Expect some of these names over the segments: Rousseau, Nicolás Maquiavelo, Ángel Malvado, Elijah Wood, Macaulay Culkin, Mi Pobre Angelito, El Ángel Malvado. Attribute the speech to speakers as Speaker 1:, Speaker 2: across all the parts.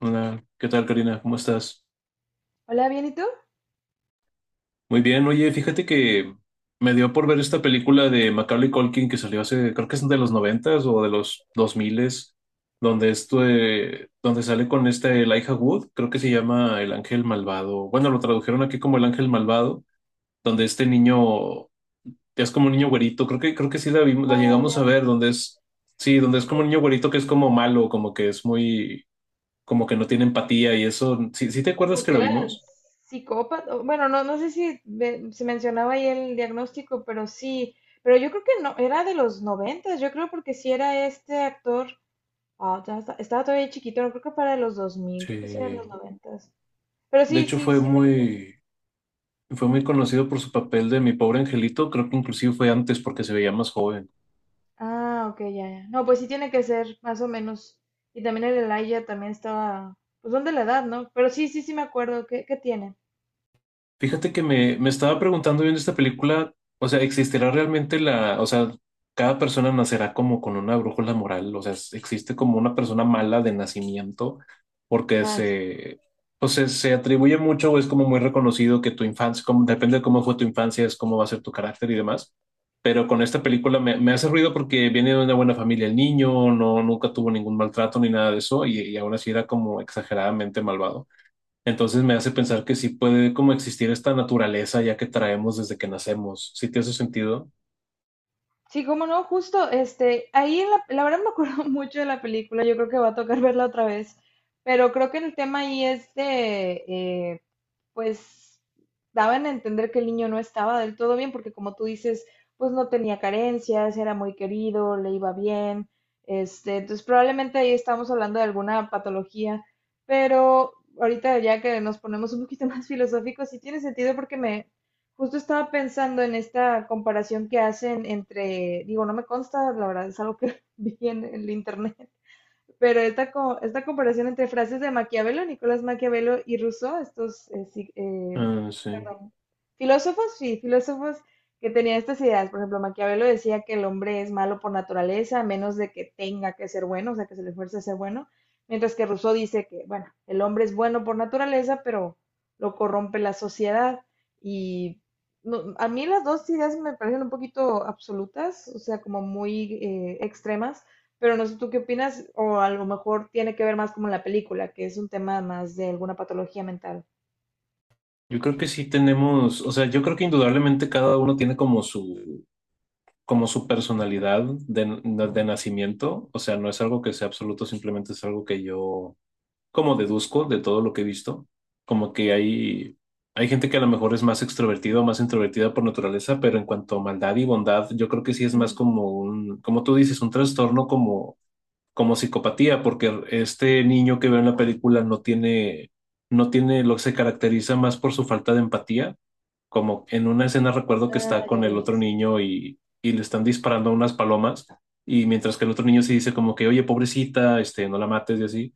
Speaker 1: Hola, ¿qué tal, Karina? ¿Cómo estás?
Speaker 2: Hola, ¿bien y tú?
Speaker 1: Muy bien, oye, fíjate que me dio por ver esta película de Macaulay Culkin que salió hace, creo que es de los noventas o de los dos miles, donde esto, donde sale con esta Elijah Wood, creo que se llama El Ángel Malvado. Bueno, lo tradujeron aquí como El Ángel Malvado, donde este niño es como un niño güerito, creo que sí la vimos, la
Speaker 2: Ah,
Speaker 1: llegamos
Speaker 2: ya.
Speaker 1: a ver, donde es, sí, donde
Speaker 2: Sí,
Speaker 1: es
Speaker 2: sí,
Speaker 1: como un niño güerito que es como malo, como que es muy, como que no tiene empatía y eso, sí, ¿sí te acuerdas
Speaker 2: como
Speaker 1: que
Speaker 2: que
Speaker 1: la
Speaker 2: era
Speaker 1: vimos?
Speaker 2: psicópata. Bueno, no, no sé si se mencionaba ahí el diagnóstico, pero sí. Pero yo creo que no, era de los noventas, yo creo, porque si era este actor. Ah, ya estaba todavía chiquito, no creo que para los dos mil creo que sí era de
Speaker 1: Sí.
Speaker 2: los noventas. Pero
Speaker 1: De
Speaker 2: sí,
Speaker 1: hecho,
Speaker 2: sí, sí me.
Speaker 1: fue muy conocido por su papel de Mi Pobre Angelito. Creo que inclusive fue antes porque se veía más joven.
Speaker 2: Ah, ok, ya, ya. No, pues sí tiene que ser, más o menos. Y también el Elijah también estaba. Pues son de la edad, ¿no? Pero sí, sí, sí me acuerdo. ¿Qué tiene?
Speaker 1: Fíjate que me estaba preguntando viendo esta película, o sea, ¿existirá realmente la, o sea, cada persona nacerá como con una brújula moral? O sea, ¿existe como una persona mala de nacimiento? Porque se, o sea, se atribuye mucho o es como muy reconocido que tu infancia, como, depende de cómo fue tu infancia, es cómo va a ser tu carácter y demás. Pero con esta película me hace ruido porque viene de una buena familia el niño, no, nunca tuvo ningún maltrato ni nada de eso y aún así era como exageradamente malvado. Entonces me hace pensar que sí puede como existir esta naturaleza ya que traemos desde que nacemos. ¿Sí te hace sentido?
Speaker 2: Sí, cómo no, justo, este, ahí la verdad me acuerdo mucho de la película, yo creo que va a tocar verla otra vez, pero creo que el tema ahí es de, pues daban a entender que el niño no estaba del todo bien, porque como tú dices, pues no tenía carencias, era muy querido, le iba bien, este, entonces probablemente ahí estamos hablando de alguna patología, pero ahorita ya que nos ponemos un poquito más filosóficos, sí tiene sentido porque me justo estaba pensando en esta comparación que hacen entre, digo, no me consta, la verdad es algo que vi en el internet, pero esta comparación entre frases de Maquiavelo, Nicolás Maquiavelo y Rousseau, estos sí,
Speaker 1: Ah, sí.
Speaker 2: perdón, filósofos, sí, filósofos que tenían estas ideas. Por ejemplo, Maquiavelo decía que el hombre es malo por naturaleza, a menos de que tenga que ser bueno, o sea, que se le fuerce a ser bueno. Mientras que Rousseau dice que, bueno, el hombre es bueno por naturaleza, pero lo corrompe la sociedad. Y a mí las dos ideas me parecen un poquito absolutas, o sea, como muy extremas. Pero no sé tú qué opinas, o a lo mejor tiene que ver más como en la película, que es un tema más de alguna patología mental.
Speaker 1: Yo creo que sí tenemos, o sea, yo creo que indudablemente cada uno tiene como como su personalidad de nacimiento. O sea, no es algo que sea absoluto, simplemente es algo que yo como deduzco de todo lo que he visto. Como que hay gente que a lo mejor es más extrovertida o más introvertida por naturaleza, pero en cuanto a maldad y bondad, yo creo que sí es más
Speaker 2: Mm.
Speaker 1: como un, como tú dices, un trastorno como psicopatía, porque este niño que veo en la película no tiene, no tiene, lo que se caracteriza más por su falta de empatía, como en una escena recuerdo que
Speaker 2: Ah,
Speaker 1: está
Speaker 2: ya,
Speaker 1: con el
Speaker 2: ya,
Speaker 1: otro
Speaker 2: sí,
Speaker 1: niño y le están disparando unas palomas, y mientras que el otro niño sí dice como que, oye, pobrecita, este, no la mates y así,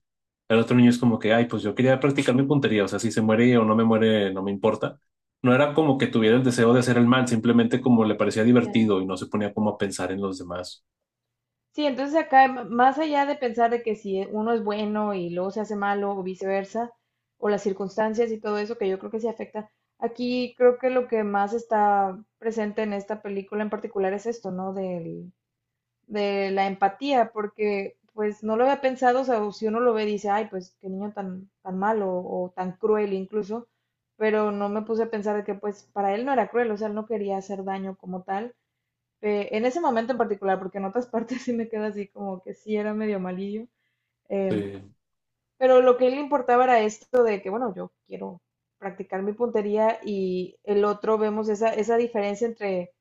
Speaker 1: el otro niño es como que, ay, pues yo quería practicar mi puntería, o sea, si se muere o no me muere, no me importa. No era como que tuviera el deseo de hacer el mal, simplemente como le parecía
Speaker 2: ya.
Speaker 1: divertido y no se ponía como a pensar en los demás.
Speaker 2: Sí, entonces acá, más allá de pensar de que si uno es bueno y luego se hace malo o viceversa, o las circunstancias y todo eso, que yo creo que sí afecta, aquí creo que lo que más está presente en esta película en particular es esto, ¿no? Del, de la empatía, porque pues no lo había pensado, o sea, o si uno lo ve dice, ay, pues qué niño tan, tan malo o tan cruel incluso, pero no me puse a pensar de que pues para él no era cruel, o sea, él no quería hacer daño como tal. En ese momento en particular, porque en otras partes sí me queda así como que sí era medio malillo, eh,
Speaker 1: Sí.
Speaker 2: pero lo que a él le importaba era esto de que, bueno, yo quiero practicar mi puntería y el otro vemos esa diferencia entre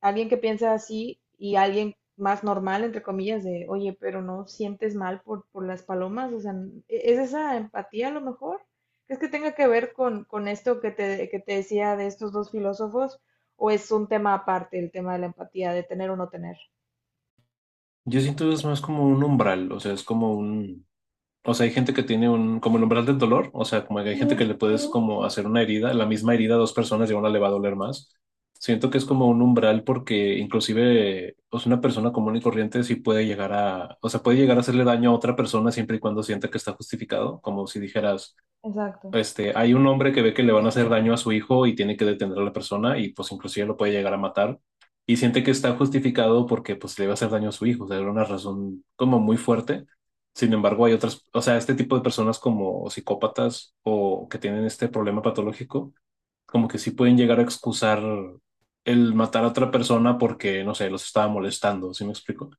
Speaker 2: alguien que piensa así y alguien más normal, entre comillas, de, oye, pero no sientes mal por las palomas, o sea, ¿es esa empatía a lo mejor? ¿Es que tenga que ver con esto que te decía de estos dos filósofos? ¿O es un tema aparte el tema de la empatía, de tener o no tener?
Speaker 1: Yo siento que es más como un umbral, o sea, es como un, o sea, hay gente que tiene un, como el umbral del dolor, o sea, como que hay
Speaker 2: Ujú,
Speaker 1: gente que le puedes
Speaker 2: ujú, sí.
Speaker 1: como hacer una herida, la misma herida a dos personas y a una le va a doler más. Siento que es como un umbral porque inclusive, o sea, una persona común y corriente sí puede llegar a, o sea, puede llegar a hacerle daño a otra persona siempre y cuando sienta que está justificado, como si dijeras
Speaker 2: Exacto.
Speaker 1: este, hay un hombre que ve que le van a hacer daño a su hijo y tiene que detener a la persona y pues inclusive lo puede llegar a matar y siente que está justificado porque pues le va a hacer daño a su hijo, o sea, era una razón como muy fuerte. Sin embargo, hay otras, o sea, este tipo de personas como psicópatas o que tienen este problema patológico como que sí pueden llegar a excusar el matar a otra persona porque, no sé, los estaba molestando, ¿sí me explico?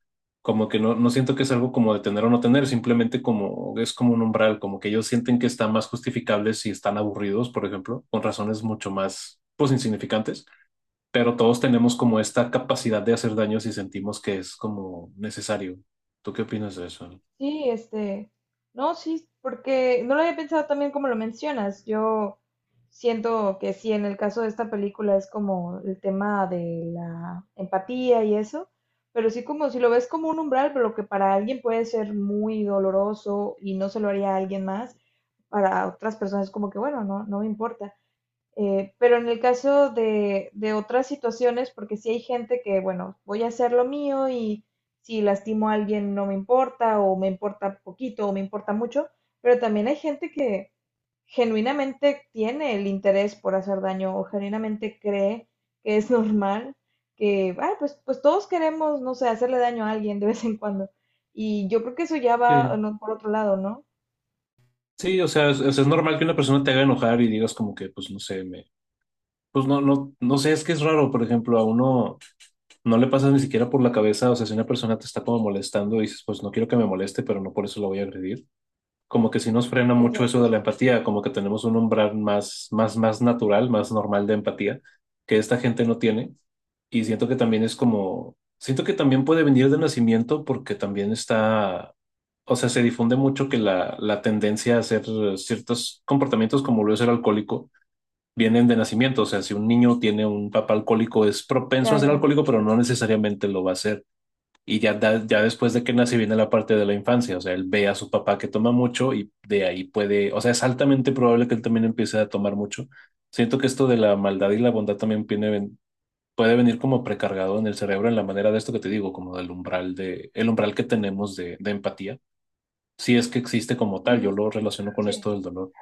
Speaker 1: Como que no, no siento que es algo como de tener o no tener, simplemente como es como un umbral, como que ellos sienten que están más justificables si están aburridos, por ejemplo, con razones mucho más, pues, insignificantes, pero todos tenemos como esta capacidad de hacer daño si sentimos que es como necesario. ¿Tú qué opinas de eso?
Speaker 2: Sí, este, no, sí, porque no lo había pensado también como lo mencionas. Yo siento que sí, en el caso de esta película es como el tema de la empatía y eso, pero sí como si lo ves como un umbral, pero lo que para alguien puede ser muy doloroso y no se lo haría a alguien más, para otras personas es como que, bueno, no, no me importa. Pero en el caso de otras situaciones, porque si hay gente que, bueno, voy a hacer lo mío y si lastimo a alguien no me importa o me importa poquito o me importa mucho, pero también hay gente que genuinamente tiene el interés por hacer daño o genuinamente cree que es normal, que, ah, pues, todos queremos, no sé, hacerle daño a alguien de vez en cuando. Y yo creo que eso ya va,
Speaker 1: Sí.
Speaker 2: no, por otro lado, ¿no?
Speaker 1: Sí, o sea, es normal que una persona te haga enojar y digas como que, pues, no sé, me, pues no, no sé, es que es raro, por ejemplo, a uno no le pasa ni siquiera por la cabeza, o sea, si una persona te está como molestando, dices, pues no quiero que me moleste, pero no por eso lo voy a agredir. Como que sí nos frena mucho eso
Speaker 2: Exacto,
Speaker 1: de
Speaker 2: sí.
Speaker 1: la empatía, como que tenemos un umbral más natural, más normal de empatía, que esta gente no tiene. Y siento que también es como, siento que también puede venir de nacimiento porque también está, o sea, se difunde mucho que la tendencia a hacer ciertos comportamientos como lo es el alcohólico vienen de nacimiento. O sea, si un niño tiene un papá alcohólico, es propenso
Speaker 2: Ya,
Speaker 1: a ser
Speaker 2: ya.
Speaker 1: alcohólico, pero no necesariamente lo va a ser. Y ya, ya después de que nace viene la parte de la infancia. O sea, él ve a su papá que toma mucho y de ahí puede, o sea, es altamente probable que él también empiece a tomar mucho. Siento que esto de la maldad y la bondad también viene, puede venir como precargado en el cerebro en la manera de esto que te digo, como del umbral de, el umbral que tenemos de empatía. Si es que existe como tal, yo
Speaker 2: Ujú.
Speaker 1: lo relaciono con
Speaker 2: Sí.
Speaker 1: esto del dolor.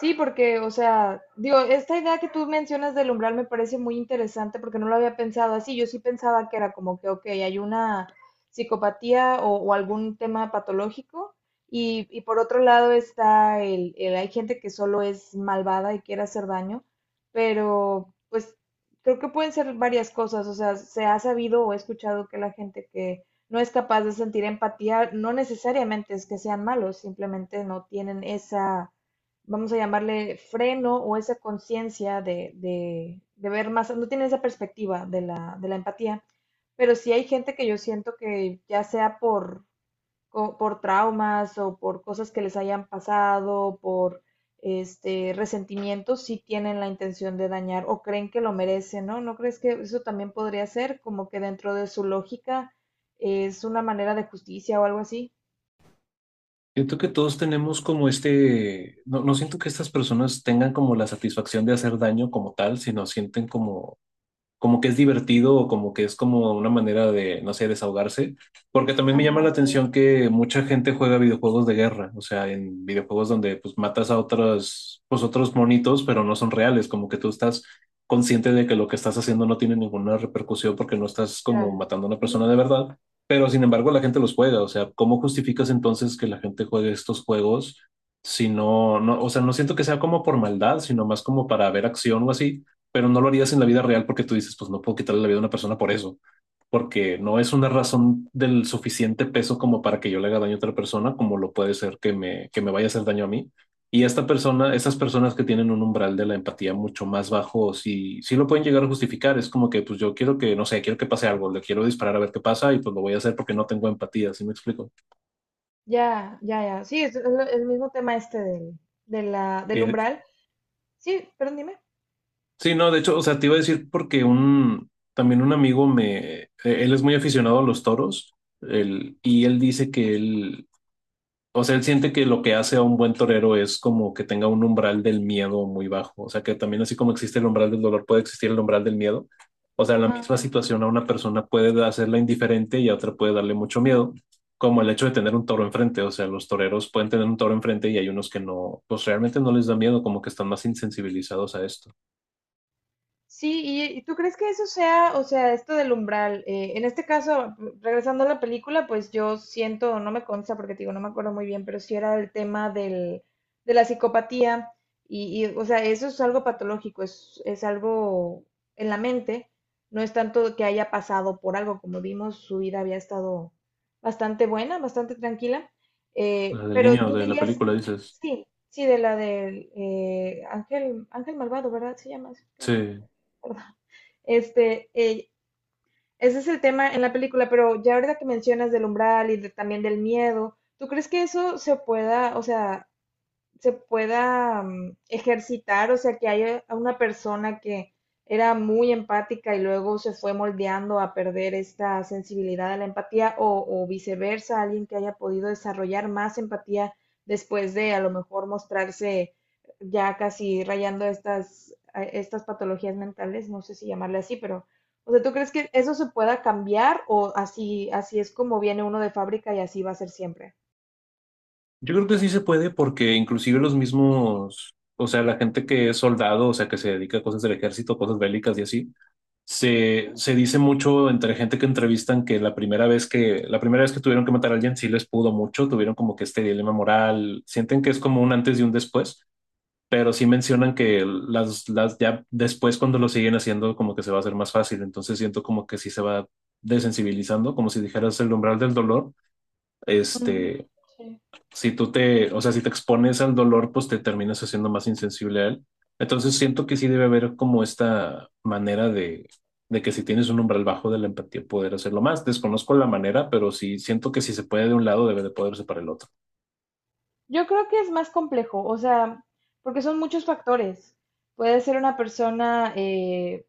Speaker 2: Sí, porque, o sea, digo, esta idea que tú mencionas del umbral me parece muy interesante porque no lo había pensado así. Yo sí pensaba que era como que, ok, hay una psicopatía o algún tema patológico. Y por otro lado está hay gente que solo es malvada y quiere hacer daño, pero pues creo que pueden ser varias cosas. O sea, se ha sabido o he escuchado que la gente que no es capaz de sentir empatía no necesariamente es que sean malos, simplemente no tienen esa vamos a llamarle freno o esa conciencia de ver más, no tienen esa perspectiva de la empatía, pero sí hay gente que yo siento que ya sea por traumas o por cosas que les hayan pasado, por este resentimientos, sí tienen la intención de dañar o creen que lo merecen, ¿no? ¿No crees que eso también podría ser como que dentro de su lógica es una manera de justicia o algo así?
Speaker 1: Siento que todos tenemos como este, no, no siento que estas personas tengan como la satisfacción de hacer daño como tal, sino sienten como como que es divertido o como que es como una manera de, no sé, desahogarse, porque también
Speaker 2: Ah,
Speaker 1: me
Speaker 2: ya,
Speaker 1: llama la
Speaker 2: ya,
Speaker 1: atención
Speaker 2: ya, sí,
Speaker 1: que mucha gente juega videojuegos de guerra, o sea, en videojuegos donde pues matas a otros, pues otros monitos, pero no son reales, como que tú estás consciente de que lo que estás haciendo no tiene ninguna repercusión porque no estás como
Speaker 2: claro.
Speaker 1: matando a una persona de verdad, pero sin embargo la gente los juega, o sea, ¿cómo justificas entonces que la gente juegue estos juegos? Si no, no, o sea, no siento que sea como por maldad, sino más como para ver acción o así, pero no lo harías en la vida real porque tú dices, pues no puedo quitarle la vida a una persona por eso, porque no es una razón del suficiente peso como para que yo le haga daño a otra persona, como lo puede ser que que me vaya a hacer daño a mí. Y esta persona, esas personas que tienen un umbral de la empatía mucho más bajo, sí, sí lo pueden llegar a justificar. Es como que, pues yo quiero que, no sé, quiero que pase algo, le quiero disparar a ver qué pasa y pues lo voy a hacer porque no tengo empatía, ¿sí me explico?
Speaker 2: Ya, ya, ya. Sí, es el mismo tema este del, de la, del
Speaker 1: Y
Speaker 2: umbral. Sí, pero dime.
Speaker 1: sí, no, de hecho, o sea, te iba a decir porque un, también un amigo me, él es muy aficionado a los toros, y él dice que él, o sea, él siente que lo que hace a un buen torero es como que tenga un umbral del miedo muy bajo, o sea, que también así como existe el umbral del dolor, puede existir el umbral del miedo, o sea, la
Speaker 2: Ajá.
Speaker 1: misma situación a una persona puede hacerla indiferente y a otra puede darle mucho miedo, como el hecho de tener un toro enfrente, o sea, los toreros pueden tener un toro enfrente y hay unos que no, pues realmente no les da miedo, como que están más insensibilizados a esto.
Speaker 2: Sí, y tú crees que eso sea, o sea, esto del umbral, en este caso, regresando a la película, pues yo siento, no me consta porque te digo, no me acuerdo muy bien, pero sí era el tema del, de la psicopatía, o sea, eso es algo patológico, es algo en la mente, no es tanto que haya pasado por algo, como vimos, su vida había estado bastante buena, bastante tranquila,
Speaker 1: La del
Speaker 2: pero
Speaker 1: niño
Speaker 2: tú
Speaker 1: de la
Speaker 2: dirías,
Speaker 1: película, dices.
Speaker 2: sí, sí, de la del Ángel Malvado, ¿verdad? Se llama, sí,
Speaker 1: Sí.
Speaker 2: perdón, este, ese es el tema en la película, pero ya ahorita que mencionas del umbral y también del miedo, ¿tú crees que eso se pueda, o sea, se pueda ejercitar, o sea, que haya una persona que era muy empática y luego se fue moldeando a perder esta sensibilidad a la empatía o viceversa, alguien que haya podido desarrollar más empatía después de a lo mejor mostrarse ya casi rayando a estas patologías mentales, no sé si llamarle así, pero, o sea, ¿tú crees que eso se pueda cambiar o así, así es como viene uno de fábrica y así va a ser siempre?
Speaker 1: Yo creo que sí se puede porque inclusive los mismos, o sea, la gente que es soldado, o sea, que se dedica a cosas del ejército, cosas bélicas y así, se dice
Speaker 2: Ujú,
Speaker 1: mucho entre gente que entrevistan que la primera vez que tuvieron que matar a alguien sí les pudo mucho, tuvieron como que este dilema moral, sienten que es como un antes y un después, pero sí mencionan que las ya después cuando lo siguen haciendo como que se va a hacer más fácil, entonces siento como que sí se va desensibilizando, como si dijeras el umbral del dolor
Speaker 2: ujú, ujú,
Speaker 1: este,
Speaker 2: sí.
Speaker 1: si tú te, o sea, si te expones al dolor, pues te terminas haciendo más insensible a él. Entonces siento que sí debe haber como esta manera de que si tienes un umbral bajo de la empatía, poder hacerlo más. Desconozco la manera, pero sí siento que si se puede de un lado, debe de poderse para el otro.
Speaker 2: Yo creo que es más complejo, o sea, porque son muchos factores. Puede ser una persona,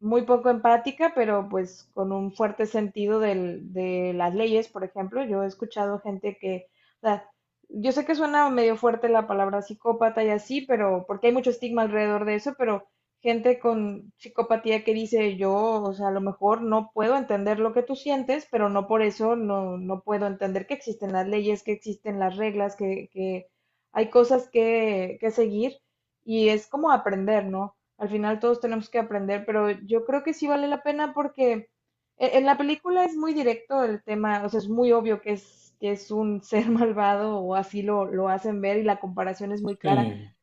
Speaker 2: muy poco empática, pero pues con un fuerte sentido de las leyes, por ejemplo. Yo he escuchado gente que, o sea, yo sé que suena medio fuerte la palabra psicópata y así, pero porque hay mucho estigma alrededor de eso, pero gente con psicopatía que dice yo, o sea, a lo mejor no puedo entender lo que tú sientes, pero no por eso no puedo entender que existen las leyes, que existen las reglas, que, hay cosas que seguir y es como aprender, ¿no? Al final todos tenemos que aprender, pero yo creo que sí vale la pena porque en la película es muy directo el tema, o sea, es muy obvio que es un ser malvado o así lo hacen ver y la comparación es muy clara,
Speaker 1: Sí,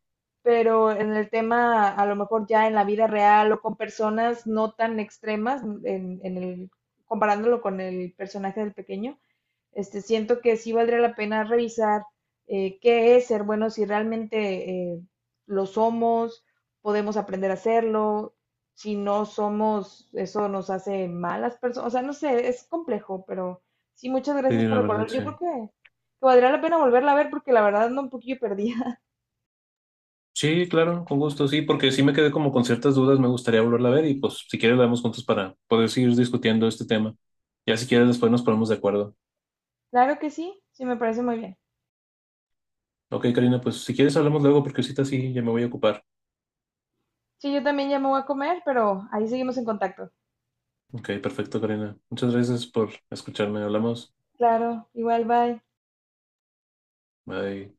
Speaker 2: pero en el tema, a lo mejor ya en la vida real o con personas no tan extremas, comparándolo con el personaje del pequeño, este, siento que sí valdría la pena revisar qué es ser bueno, si realmente lo somos, podemos aprender a hacerlo, si no somos, eso nos hace malas personas, o sea, no sé, es complejo, pero sí, muchas
Speaker 1: sí,
Speaker 2: gracias por
Speaker 1: la verdad,
Speaker 2: recordar.
Speaker 1: sí.
Speaker 2: Yo creo que, valdría la pena volverla a ver porque la verdad ando un poquillo perdida.
Speaker 1: Sí, claro, con gusto, sí, porque sí me quedé como con ciertas dudas, me gustaría volverla a ver y pues si quieres la vemos juntos para poder seguir discutiendo este tema. Ya si quieres después nos ponemos de acuerdo.
Speaker 2: Claro que sí, sí, me parece muy bien.
Speaker 1: Ok, Karina, pues si quieres hablamos luego porque ahorita sí, ya me voy a ocupar.
Speaker 2: Sí, yo también ya me voy a comer, pero ahí seguimos en contacto.
Speaker 1: Ok, perfecto, Karina. Muchas gracias por escucharme. Hablamos.
Speaker 2: Claro, igual, bye.
Speaker 1: Bye.